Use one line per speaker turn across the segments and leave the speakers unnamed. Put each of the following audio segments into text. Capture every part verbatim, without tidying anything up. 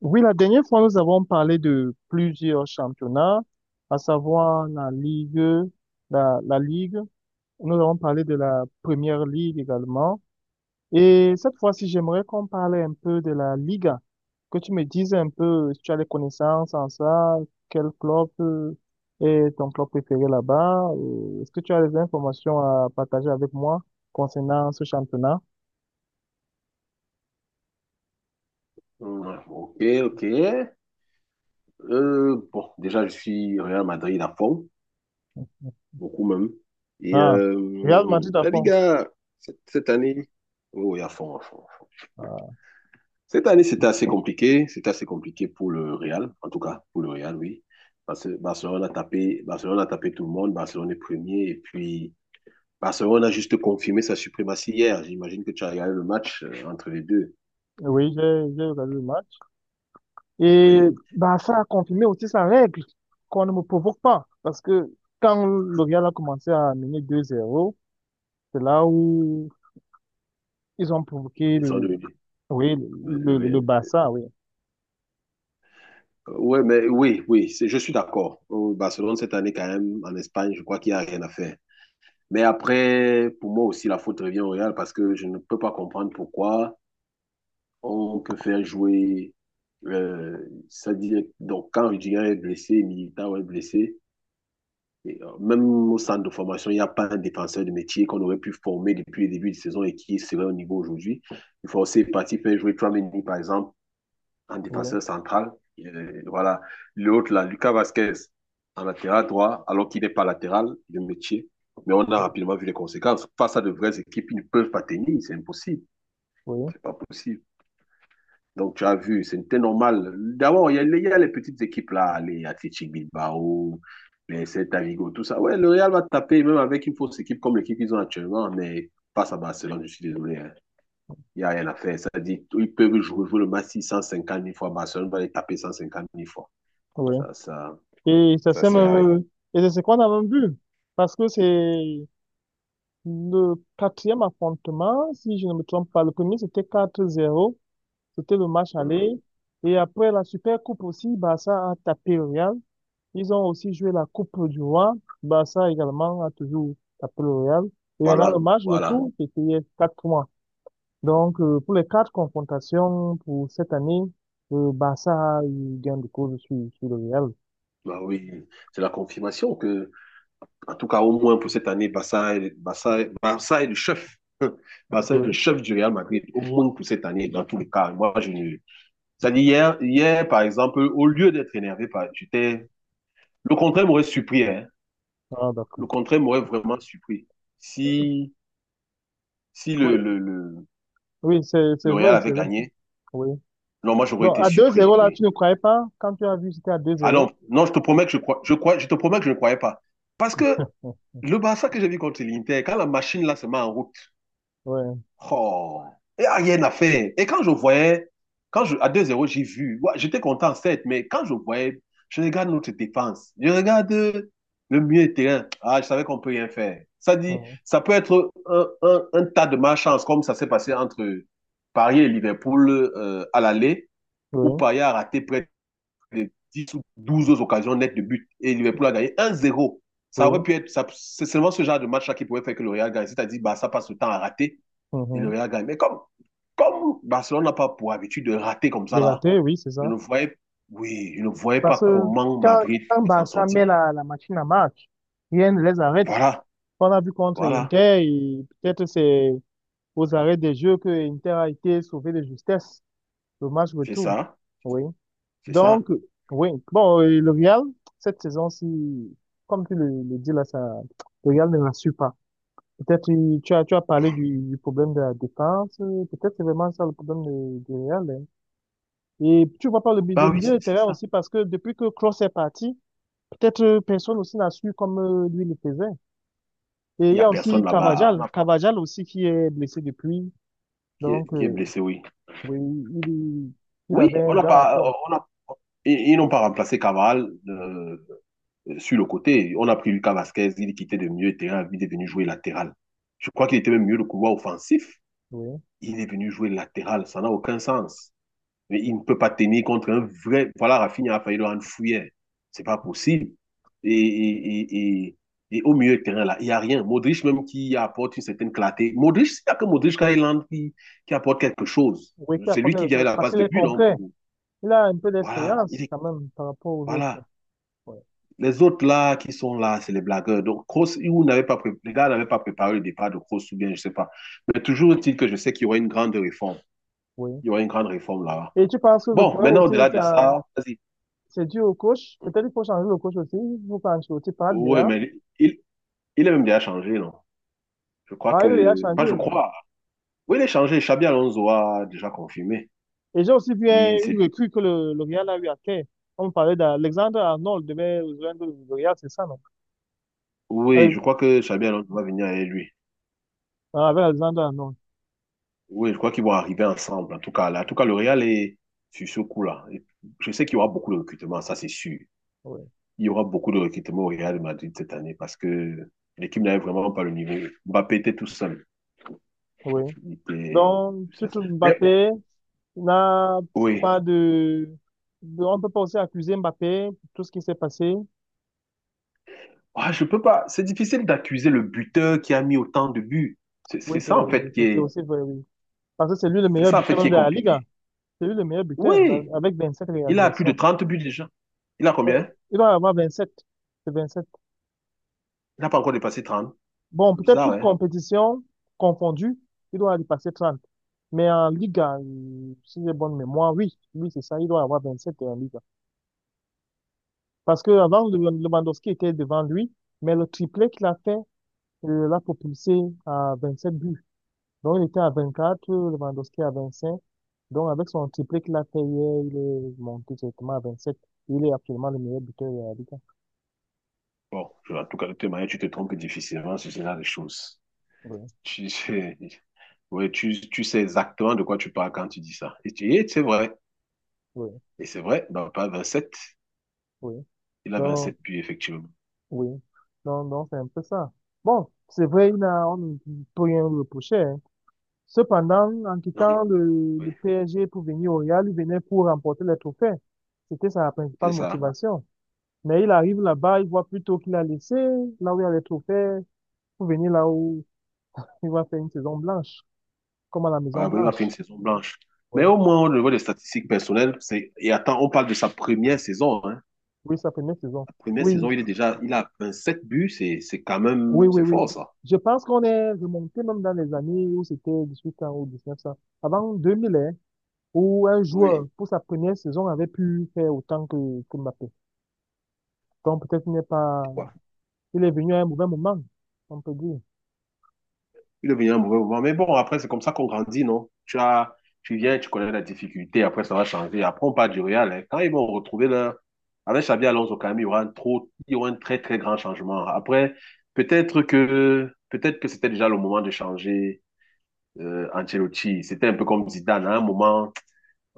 Oui, la dernière fois, nous avons parlé de plusieurs championnats, à savoir la Ligue, la, la Ligue. Nous avons parlé de la Première Ligue également. Et cette fois-ci, j'aimerais qu'on parle un peu de la Liga, que tu me dises un peu si tu as des connaissances en ça, quel club euh, est ton club préféré là-bas. euh, Est-ce que tu as des informations à partager avec moi concernant ce championnat?
Ouais, ok, ok. Euh, bon, déjà, je suis Real Madrid à fond, beaucoup même. Et
Ah, Real
euh,
Madrid à
la
fond.
Liga, cette, cette année, oui, à fond, à fond.
Ah,
Cette année, c'était assez compliqué. C'était assez compliqué pour le Real, en tout cas, pour le Real, oui. Parce que Barcelone a tapé, Barcelone a tapé tout le monde. Barcelone est premier. Et puis, Barcelone a juste confirmé sa suprématie hier. J'imagine que tu as regardé le match euh, entre les deux.
oui, j'ai j'ai regardé le match. Et
Oui.
bah, ça a confirmé aussi sa règle, qu'on ne me provoque pas. Parce que quand le Real a commencé à mener deux zéro, c'est là où ils ont provoqué
Ils sont
le,
devenus.
oui,
euh,
le, le, le
Oui,
Barça, oui,
Euh, Ouais, mais oui, oui, c'est- je suis d'accord. Au Barcelone, cette année, quand même, en Espagne, je crois qu'il n'y a rien à faire. Mais après, pour moi aussi, la faute revient au Real parce que je ne peux pas comprendre pourquoi on peut faire jouer. euh, Ça dit, donc, quand Rudiger est blessé, Militao est blessé, et, euh, même au centre de formation, il n'y a pas un défenseur de métier qu'on aurait pu former depuis le début de saison et qui serait au niveau aujourd'hui. Il faut aussi partir faire jouer Tramini, par exemple, en
oui,
défenseur central. Et euh, voilà. L'autre, là, Lucas Vasquez, en latéral droit, alors qu'il n'est pas latéral de métier. Mais on a rapidement vu les conséquences. Face à de vraies équipes, ils ne peuvent pas tenir. C'est impossible.
oui,
C'est pas possible. Donc, tu as vu, c'était normal. D'abord, il y, a les il y a les petites équipes là, les Athletic Bilbao, les Celta Vigo, tout ça. Ouais, le Real va taper, même avec une fausse équipe comme l'équipe qu'ils ont actuellement, mais face à Barcelone, je suis désolé, hein. Il n'y a rien à faire. Ça dit, ils peuvent jouer, jouer le match six cent cinquante mille fois. Barcelone va les taper cent cinquante mille fois.
oui.
Ça, ça,
Et ça
ça
c'est
sert à rien.
même, et c'est ce qu'on a même vu. Parce que c'est le quatrième affrontement, si je ne me trompe pas. Le premier, c'était quatre zéro. C'était le match
Mhm.
aller. Et après la Super Coupe aussi, Barça a tapé le Real. Ils ont aussi joué la Coupe du Roi. Barça également a toujours tapé le Real. Et maintenant, le
Voilà,
match
voilà.
retour, c'était quatre points. Donc, euh, pour les quatre confrontations pour cette année, le Barça a eu gain de cause sur, sur le Real.
Bah oui, c'est la confirmation que... En tout cas, au moins pour cette année, Barça est, Barça est- Barça est le chef. Barça est le
Oui.
chef du Real Madrid, au moins pour cette année, dans tous les cas. Moi, je ne... C'est-à-dire, hier, hier, par exemple, au lieu d'être énervé, par- j'étais... Le contraire m'aurait surpris, hein.
Ah, d'accord.
Le contraire m'aurait vraiment surpris. Si, si
Oui,
le, le, le,
oui, c'est, c'est
le Real
vrai,
avait
c'est vrai.
gagné,
Oui.
non, moi, j'aurais
Donc,
été
à deux
surpris,
zéro là,
oui.
tu ne croyais pas? Quand tu as vu, c'était à deux
Ah
zéro.
non, non, je te promets que je crois, je crois, je te promets que je ne croyais pas. Parce que le Barça que j'ai vu contre l'Inter, quand la machine là se met en route...
Oui,
Oh, il n'y a rien à faire. Et quand je voyais, quand je, à deux zéro j'ai vu, ouais, j'étais content, certes, mais quand je voyais, je regarde notre défense, je regarde euh, le milieu de terrain. Ah, je savais qu'on peut rien faire. Ça dit,
oui,
ça peut être un, un- un tas de malchance, comme ça s'est passé entre Paris et Liverpool euh, à l'aller, où
oui,
Paris a raté près de dix ou douze autres occasions nettes de but et Liverpool a gagné un zéro. Ça aurait
oui.
pu être... ça- c'est seulement ce genre de match-là qui pouvait faire que le Real gagne. C'est-à-dire, bah, ça passe le temps à rater et le
Mhm.
Real gagne. Mais comme, comme Barcelone n'a pas pour habitude de rater comme
Le
ça, là,
raté, oui, c'est
je
ça.
ne voyais, oui, je ne voyais
Parce
pas
que
comment
quand,
Madrid
quand
peut s'en
Barça
sortir.
met la, la machine à marche, rien ne les arrête.
Voilà,
Qu'on a vu contre
voilà,
Inter et peut-être c'est aux arrêts des jeux que Inter a été sauvé de justesse, le match
c'est
retour.
ça,
Oui.
c'est ça.
Donc, oui. Bon, et le Real, cette saison-ci, comme tu le, le dis là, ça, le Real ne rassure pas. Peut-être il- tu as, tu as parlé du, du problème de la défense, euh, peut-être c'est vraiment ça le problème de- du Real. Hein. Et tu vois pas le, mi- le
Bah oui,
milieu
c'est
de
c'est
terrain
ça.
aussi parce que depuis que Kroos est parti, peut-être euh, personne aussi n'a su comme euh, lui le faisait. Et il
Il n'y
y
a
a aussi
personne là-bas, on
Cavajal,
a,
Cavajal aussi qui est blessé depuis.
qui, est,
Donc,
qui est
euh,
blessé, oui.
oui, il, il
Oui,
avait
on
un
n'a
gars à
pas,
fond.
on a, ils, ils n'ont pas remplacé Cavaral euh, sur le côté. On a pris Lucas Vasquez, il quittait de milieu de terrain, il est venu jouer latéral. Je crois qu'il était même mieux le couloir offensif.
Oui.
Il est venu jouer latéral, ça n'a aucun sens. Mais il ne peut pas tenir contre un vrai. Voilà, Rafinha a failli le rendre fouillère. C'est pas possible. Et, et, et, et, au milieu de terrain, là, il n'y a rien. Modric, même qui apporte une certaine clarté. Modric, il n'y a que Modric Kailand qui, qui apporte quelque chose.
Oui, qui
C'est
apporte
lui qui
quelque
vient
chose.
la
Parce
passe
qu'il
de
est
but, non
concret.
pour...
Il a un peu
Voilà, il
d'expérience
est...
quand même par rapport aux autres.
Voilà.
Ouais.
Les autres là qui sont là, c'est les blagueurs. Donc, Kroos, n'avait pas pré... les gars n'avaient pas préparé le départ de Kroos ou bien, je ne sais pas. Mais toujours est-il que je sais qu'il y aura une grande réforme.
Oui.
Il y aura une grande réforme là-bas.
Et tu penses que le
Bon,
problème
maintenant,
aussi,
au-delà
c'est
de
un-
ça, vas-y.
c'est dû au coach. Peut-être qu'il faut changer le coach aussi. Il faut quand tu parles
Ouais,
bien.
mais il, il est même déjà changé, non? Je crois
Ah oui, il a
que... Pas, je
changé.
crois. Oui, il est changé. Xabi Alonso a déjà confirmé.
Et j'ai aussi vu un-
Il, c'est
une
lui.
recrue que le, le Real a eu à Caen. On parlait d'Alexandre Arnold devait rejoindre le Real, c'est ça, non?
Oui,
Avec
je crois que Xabi Alonso va venir avec lui.
avec Alexandre Arnold.
Oui, je crois qu'ils vont arriver ensemble. En tout cas, là, en tout cas, le Real est sur ce coup-là. Et je sais qu'il y aura beaucoup de recrutements, ça c'est sûr.
Ouais.
Il y aura beaucoup de recrutements au Real de Madrid cette année parce que l'équipe n'avait vraiment pas le niveau. Mbappé était tout seul.
Oui.
Il était il était
Donc,
tout seul.
Tutu
Mais
Mbappé n'a
oui...
pas. de... de- On ne peut pas aussi accuser Mbappé pour tout ce qui s'est passé.
Ah, je peux pas. C'est difficile d'accuser le buteur qui a mis autant de buts. C'est
Oui,
c'est
c'est
ça en fait qui
c'est- c'est
est...
aussi vrai, oui. Parce que c'est lui le
c'est
meilleur
ça en fait
buteur
qui
même
est,
de la Liga.
compliqué.
C'est lui le meilleur buteur
Oui,
a- avec vingt-sept
il a plus de
réalisations.
trente buts déjà. Il a
Euh,
combien?
Il doit avoir vingt-sept. C'est vingt-sept.
Il n'a pas encore dépassé trente.
Bon,
C'est
peut-être
bizarre,
toute
hein?
compétition confondue, il doit y passer trente. Mais en Liga, euh, si j'ai bonne mémoire, oui, oui, c'est ça, il doit avoir vingt-sept en Liga. Parce que avant, Lew- Lewandowski était devant lui, mais le triplé qu'il a fait euh, l'a propulsé à vingt-sept buts. Donc, il était à vingt-quatre, Lewandowski à vingt-cinq. Donc, avec son triplé qu'il a fait hier, il est monté directement à vingt-sept. Il est actuellement le meilleur buteur de la Ligue.
Bon, je- en tout cas, de toute manière, tu te trompes difficilement sur ce genre de choses.
Oui,
Tu, sais ouais, tu, tu sais exactement de quoi tu parles quand tu dis ça. Et tu et c'est vrai.
oui,
Et c'est vrai, il n'a pas sept...
oui.
Il a vingt
Donc,
sept buts, effectivement.
oui. Donc, donc, c'est un peu ça. Bon, c'est vrai, il n'a- on ne peut rien lui reprocher. Hein. Cependant, en
Non,
quittant le,
oui,
le P S G pour venir au Real, il venait pour remporter les trophées. C'était sa
c'est
principale
ça.
motivation. Mais il arrive là-bas, il voit plutôt qu'il a laissé, là où il y a les trophées, pour venir là où il va faire une saison blanche, comme à la
Ouais,
Maison
oui, il a fait une
Blanche.
saison blanche.
Ouais.
Mais au moins, au niveau des statistiques personnelles, c'est... Et attends, on parle de sa première saison, hein.
Oui, sa première saison.
La première
Oui,
saison, il est déjà... Il a sept buts, c'est c'est quand
oui,
même...
oui,
C'est
oui.
fort, ça.
Je pense qu'on est remonté même dans les années où c'était dix-huit ans ou dix-neuf ans. Avant deux mille, hein, où un joueur,
Oui,
pour sa première saison, avait pu faire autant que, que Mbappé. Donc peut-être qu'il n'est pas,
tu vois.
il est venu à un mauvais moment, on peut dire.
Il est venu à un mauvais moment. Mais bon, après, c'est comme ça qu'on grandit, non? Tu as... Tu viens, tu connais la difficulté, après, ça va changer. Après, on parle du Real, hein. Quand ils vont retrouver leur... Avec Xabi Alonso, quand même, il y aura un trop... il y aura un très, très grand changement. Après, peut-être que... Peut-être que c'était déjà le moment de changer euh, Ancelotti. C'était un peu comme Zidane, à un moment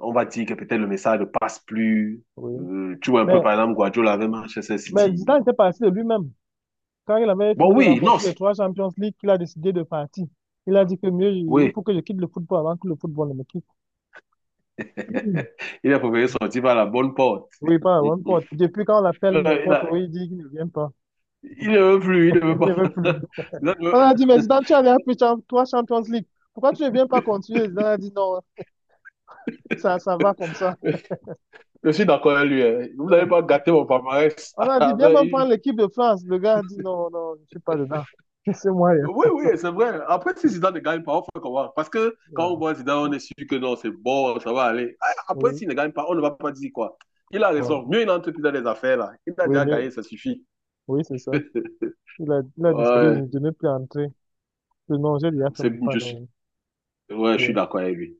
on va dire que peut-être le message ne passe plus.
Oui.
Euh, tu vois un peu,
Mais,
par exemple, Guardiola avec Manchester
mais
City.
Zidane était parti de lui-même. Quand il avait
Bon,
fini de
oui,
remporter
non,
ses
c-
trois Champions League, il a décidé de partir. Il a dit que mieux, il
oui.
faut que je quitte le football avant que le football ne me quitte.
Il a préféré sortir par la bonne porte.
Oui, pas one pot.
Il
Depuis quand on l'appelle n'importe
a-
où, il dit qu'il ne vient pas.
il ne veut plus, il ne veut
Il ne
pas.
veut plus.
Il a-
On a dit, mais Zidane, tu avais pris cham- trois Champions League. Pourquoi tu ne viens pas continuer? Zidane a dit, non, ça, ça va comme ça.
Je suis d'accord avec lui, hein. Vous
Ouais.
n'avez pas gâté mon palmarès
On a dit, viens
avec
même
une...
prendre l'équipe de France. Le gars a dit, non, non, je ne suis pas dedans. Laissez-moi, il y a
Oui,
comme
oui,
ça.
c'est vrai. Après, si Zidane ne gagne pas, on fait comment? Parce que quand on
Ouais.
voit Zidane, on est sûr que non, c'est bon, ça va aller. Ah, après,
Oui,
s'il ne gagne pas, on ne va pas dire quoi. Il a
ouais.
raison. Mieux une entreprise dans les affaires, là. Il a
Oui,
déjà
mais,
gagné, ça suffit.
oui, c'est ça. Il a, il a décidé
Ouais,
de ne plus entrer. Le non, je lui ai fait
c'est
mon pas.
juste.
donc,
Ouais, je suis
ouais.
d'accord avec lui.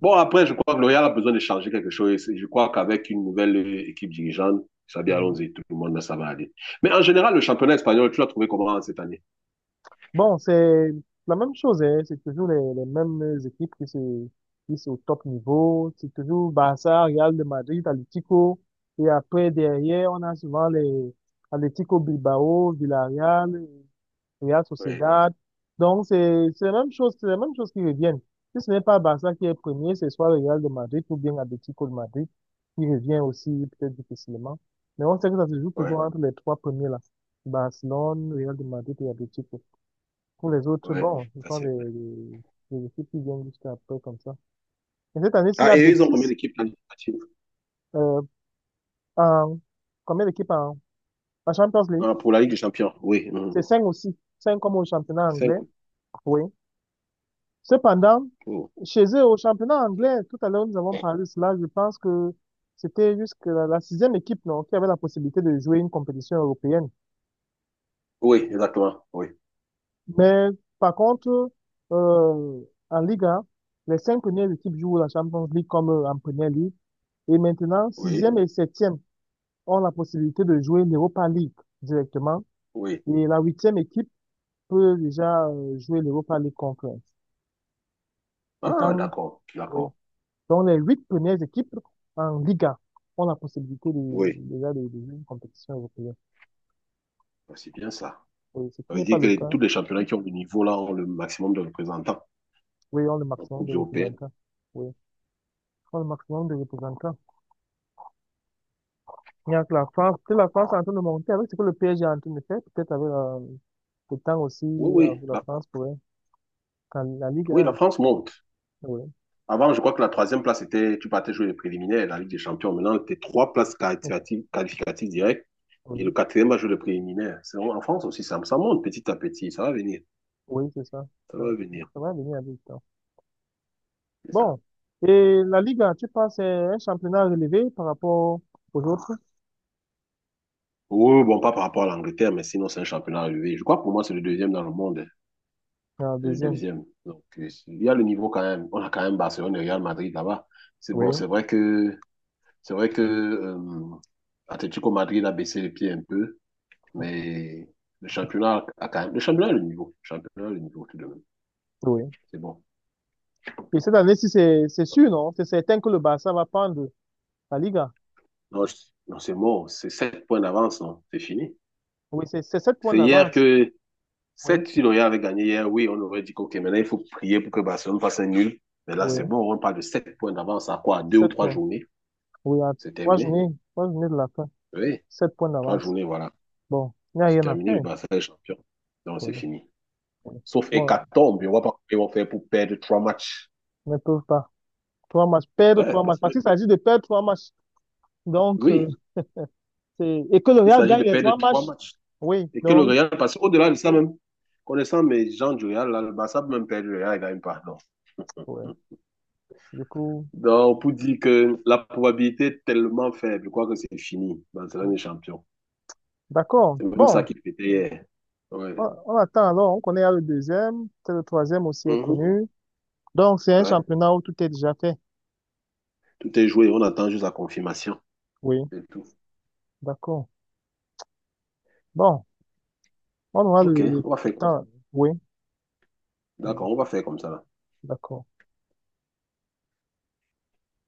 Bon, après, je crois que le a besoin de changer quelque chose. Je crois qu'avec une nouvelle euh, équipe dirigeante, ça bien allons-y, tout le monde, là, ça va aller. Mais en général, le championnat espagnol, tu l'as trouvé comment cette année?
Bon, c'est la même chose, hein. C'est toujours les, les mêmes équipes qui se, qui sont au top niveau. C'est toujours Barça, Real de Madrid, Atlético. Et après, derrière, on a souvent les Atlético Bilbao, Villarreal, Real
Oui,
Sociedad. Donc, c'est, c'est la même chose, c'est la même chose qui reviennent. Si ce n'est pas Barça qui est premier, c'est soit le Real de Madrid ou bien Atlético de Madrid qui revient aussi peut-être difficilement. Mais on sait que ça se joue
oui,
toujours entre les trois premiers là. Barcelone, Real de Madrid et Atlético. Pour les autres,
oui,
bon, ce
ça
sont les,
c'est vrai.
les, les équipes qui viennent jusqu'à peu comme ça. Et cette année, s'il y
Ah,
a
et ils ont combien
Betis,
d'équipes qualificatives?
euh, en, combien d'équipes en, en Champions League?
Ah, pour la Ligue des Champions, oui. Mhm.
C'est cinq aussi. Cinq comme au championnat
Cinq.
anglais. Oui. Cependant,
Mm.
chez eux, au championnat anglais, tout à l'heure, nous avons parlé de cela. Je pense que c'était jusqu'à la, la sixième équipe, non, qui avait la possibilité de jouer une compétition européenne.
Oui, exactement. Oui,
Mais par contre, euh, en Liga, les cinq premières équipes jouent la Champions League comme euh, en Première Ligue. Et maintenant,
oui,
sixième et septième ont la possibilité de jouer l'Europa League directement.
oui.
Et la huitième équipe peut déjà euh, jouer l'Europa League Conference.
Ah,
Pourtant,
d'accord,
oui.
d'accord.
Donc les huit premières équipes en Liga ont la possibilité de,
Oui,
déjà de, de jouer une compétition européenne.
c'est bien ça.
Oui, ce
Ça
qui
veut
n'est pas
dire que
le
les-
cas.
tous les championnats qui ont le niveau là ont le maximum de représentants
Oui, on le
en
maximum de
Coupe européenne.
représentants. Oui, on le maximum de représentants. Il y a que la France, que la France est en train de monter avec ce que le P S G est en train de faire, peut-être avec la- le temps aussi,
Oui, oui.
avec la
La,
France pourrait, quand la Ligue
oui, la
un,
France monte.
oui,
Avant, je crois que la troisième place était, tu partais jouer les préliminaires, la Ligue des Champions. Maintenant, tu trois places qualificatives, qualificatives, directes et le
oui,
quatrième va jouer le préliminaire. C'est- En France aussi, ça, ça monte petit à petit. Ça va venir.
oui, c'est ça.
Ça
ça.
va venir.
Ça va venir avec le temps.
C'est ça.
Bon, et la Ligue un, tu penses, c'est un championnat relevé par rapport aux autres,
Oui, bon, pas par rapport à l'Angleterre, mais sinon, c'est un championnat relevé. Je crois que pour moi, c'est le deuxième dans le monde.
la
Le
deuxième,
deuxième. Donc, euh, il y a le niveau quand même. On a quand même Barcelone et Real Madrid là-bas. C'est
oui,
bon, c'est vrai que, c'est vrai que euh, Atlético Madrid a baissé les pieds un peu, mais le championnat a quand même. Le championnat a le niveau. Le championnat a le niveau tout de même.
oui.
C'est bon.
Et cette année-ci, c'est c'est sûr, non? C'est certain que le Barça va prendre la Liga.
Non, je- non, c'est bon. C'est sept points d'avance, non? C'est fini.
Oui, c'est c'est sept points
C'est hier
d'avance,
que
oui,
sept si le Real avait gagné hier. Oui, on aurait dit OK, maintenant il faut prier pour que Barcelone fasse un nul. Mais là, c'est
oui,
bon, on parle de sept points d'avance à quoi? Deux ou
sept
trois
points,
journées?
oui, à
C'est
trois
terminé.
journées, trois journées de la fin,
Oui,
sept points
trois
d'avance.
journées, voilà.
Bon, il n'y a
C'est
rien à
terminé, le
faire.
Barça est champion. Non, c'est
Oui.
fini. Sauf
Bon,
hécatombe, on ne voit pas comment ils vont faire pour perdre trois matchs.
ils ne peuvent pas. Trois matchs, perdre
Ouais,
trois matchs.
parce que,
Parce qu'il s'agit de perdre trois matchs. Donc, euh,
oui,
c'est... et que le
il
Real
s'agit
gagne
de
les
perdre
trois
trois
matchs.
matchs.
Oui,
Et que le
donc,
Real, parce qu'au-delà de ça même, connaissant mes gens du Real, là, le Barça peut même perdre le Real, il gagne pas. Non.
ouais. Du coup,
Donc, pour dire que la probabilité est tellement faible, je crois que c'est fini. Barcelone
ouais.
est champion.
d'accord.
C'est même ça
Bon,
qui fêtait hier. Ouais.
on, on attend alors. On connaît le deuxième. Peut-être Le troisième aussi est
Mhm.
connu. Donc, c'est un
Ouais.
championnat où tout est déjà fait.
Tout est joué, on attend juste la confirmation.
Oui,
C'est tout.
d'accord. Bon, on aura
Ok,
le, le
on va faire comme ça.
temps. Oui, ouais,
D'accord, on va faire comme ça, là.
d'accord.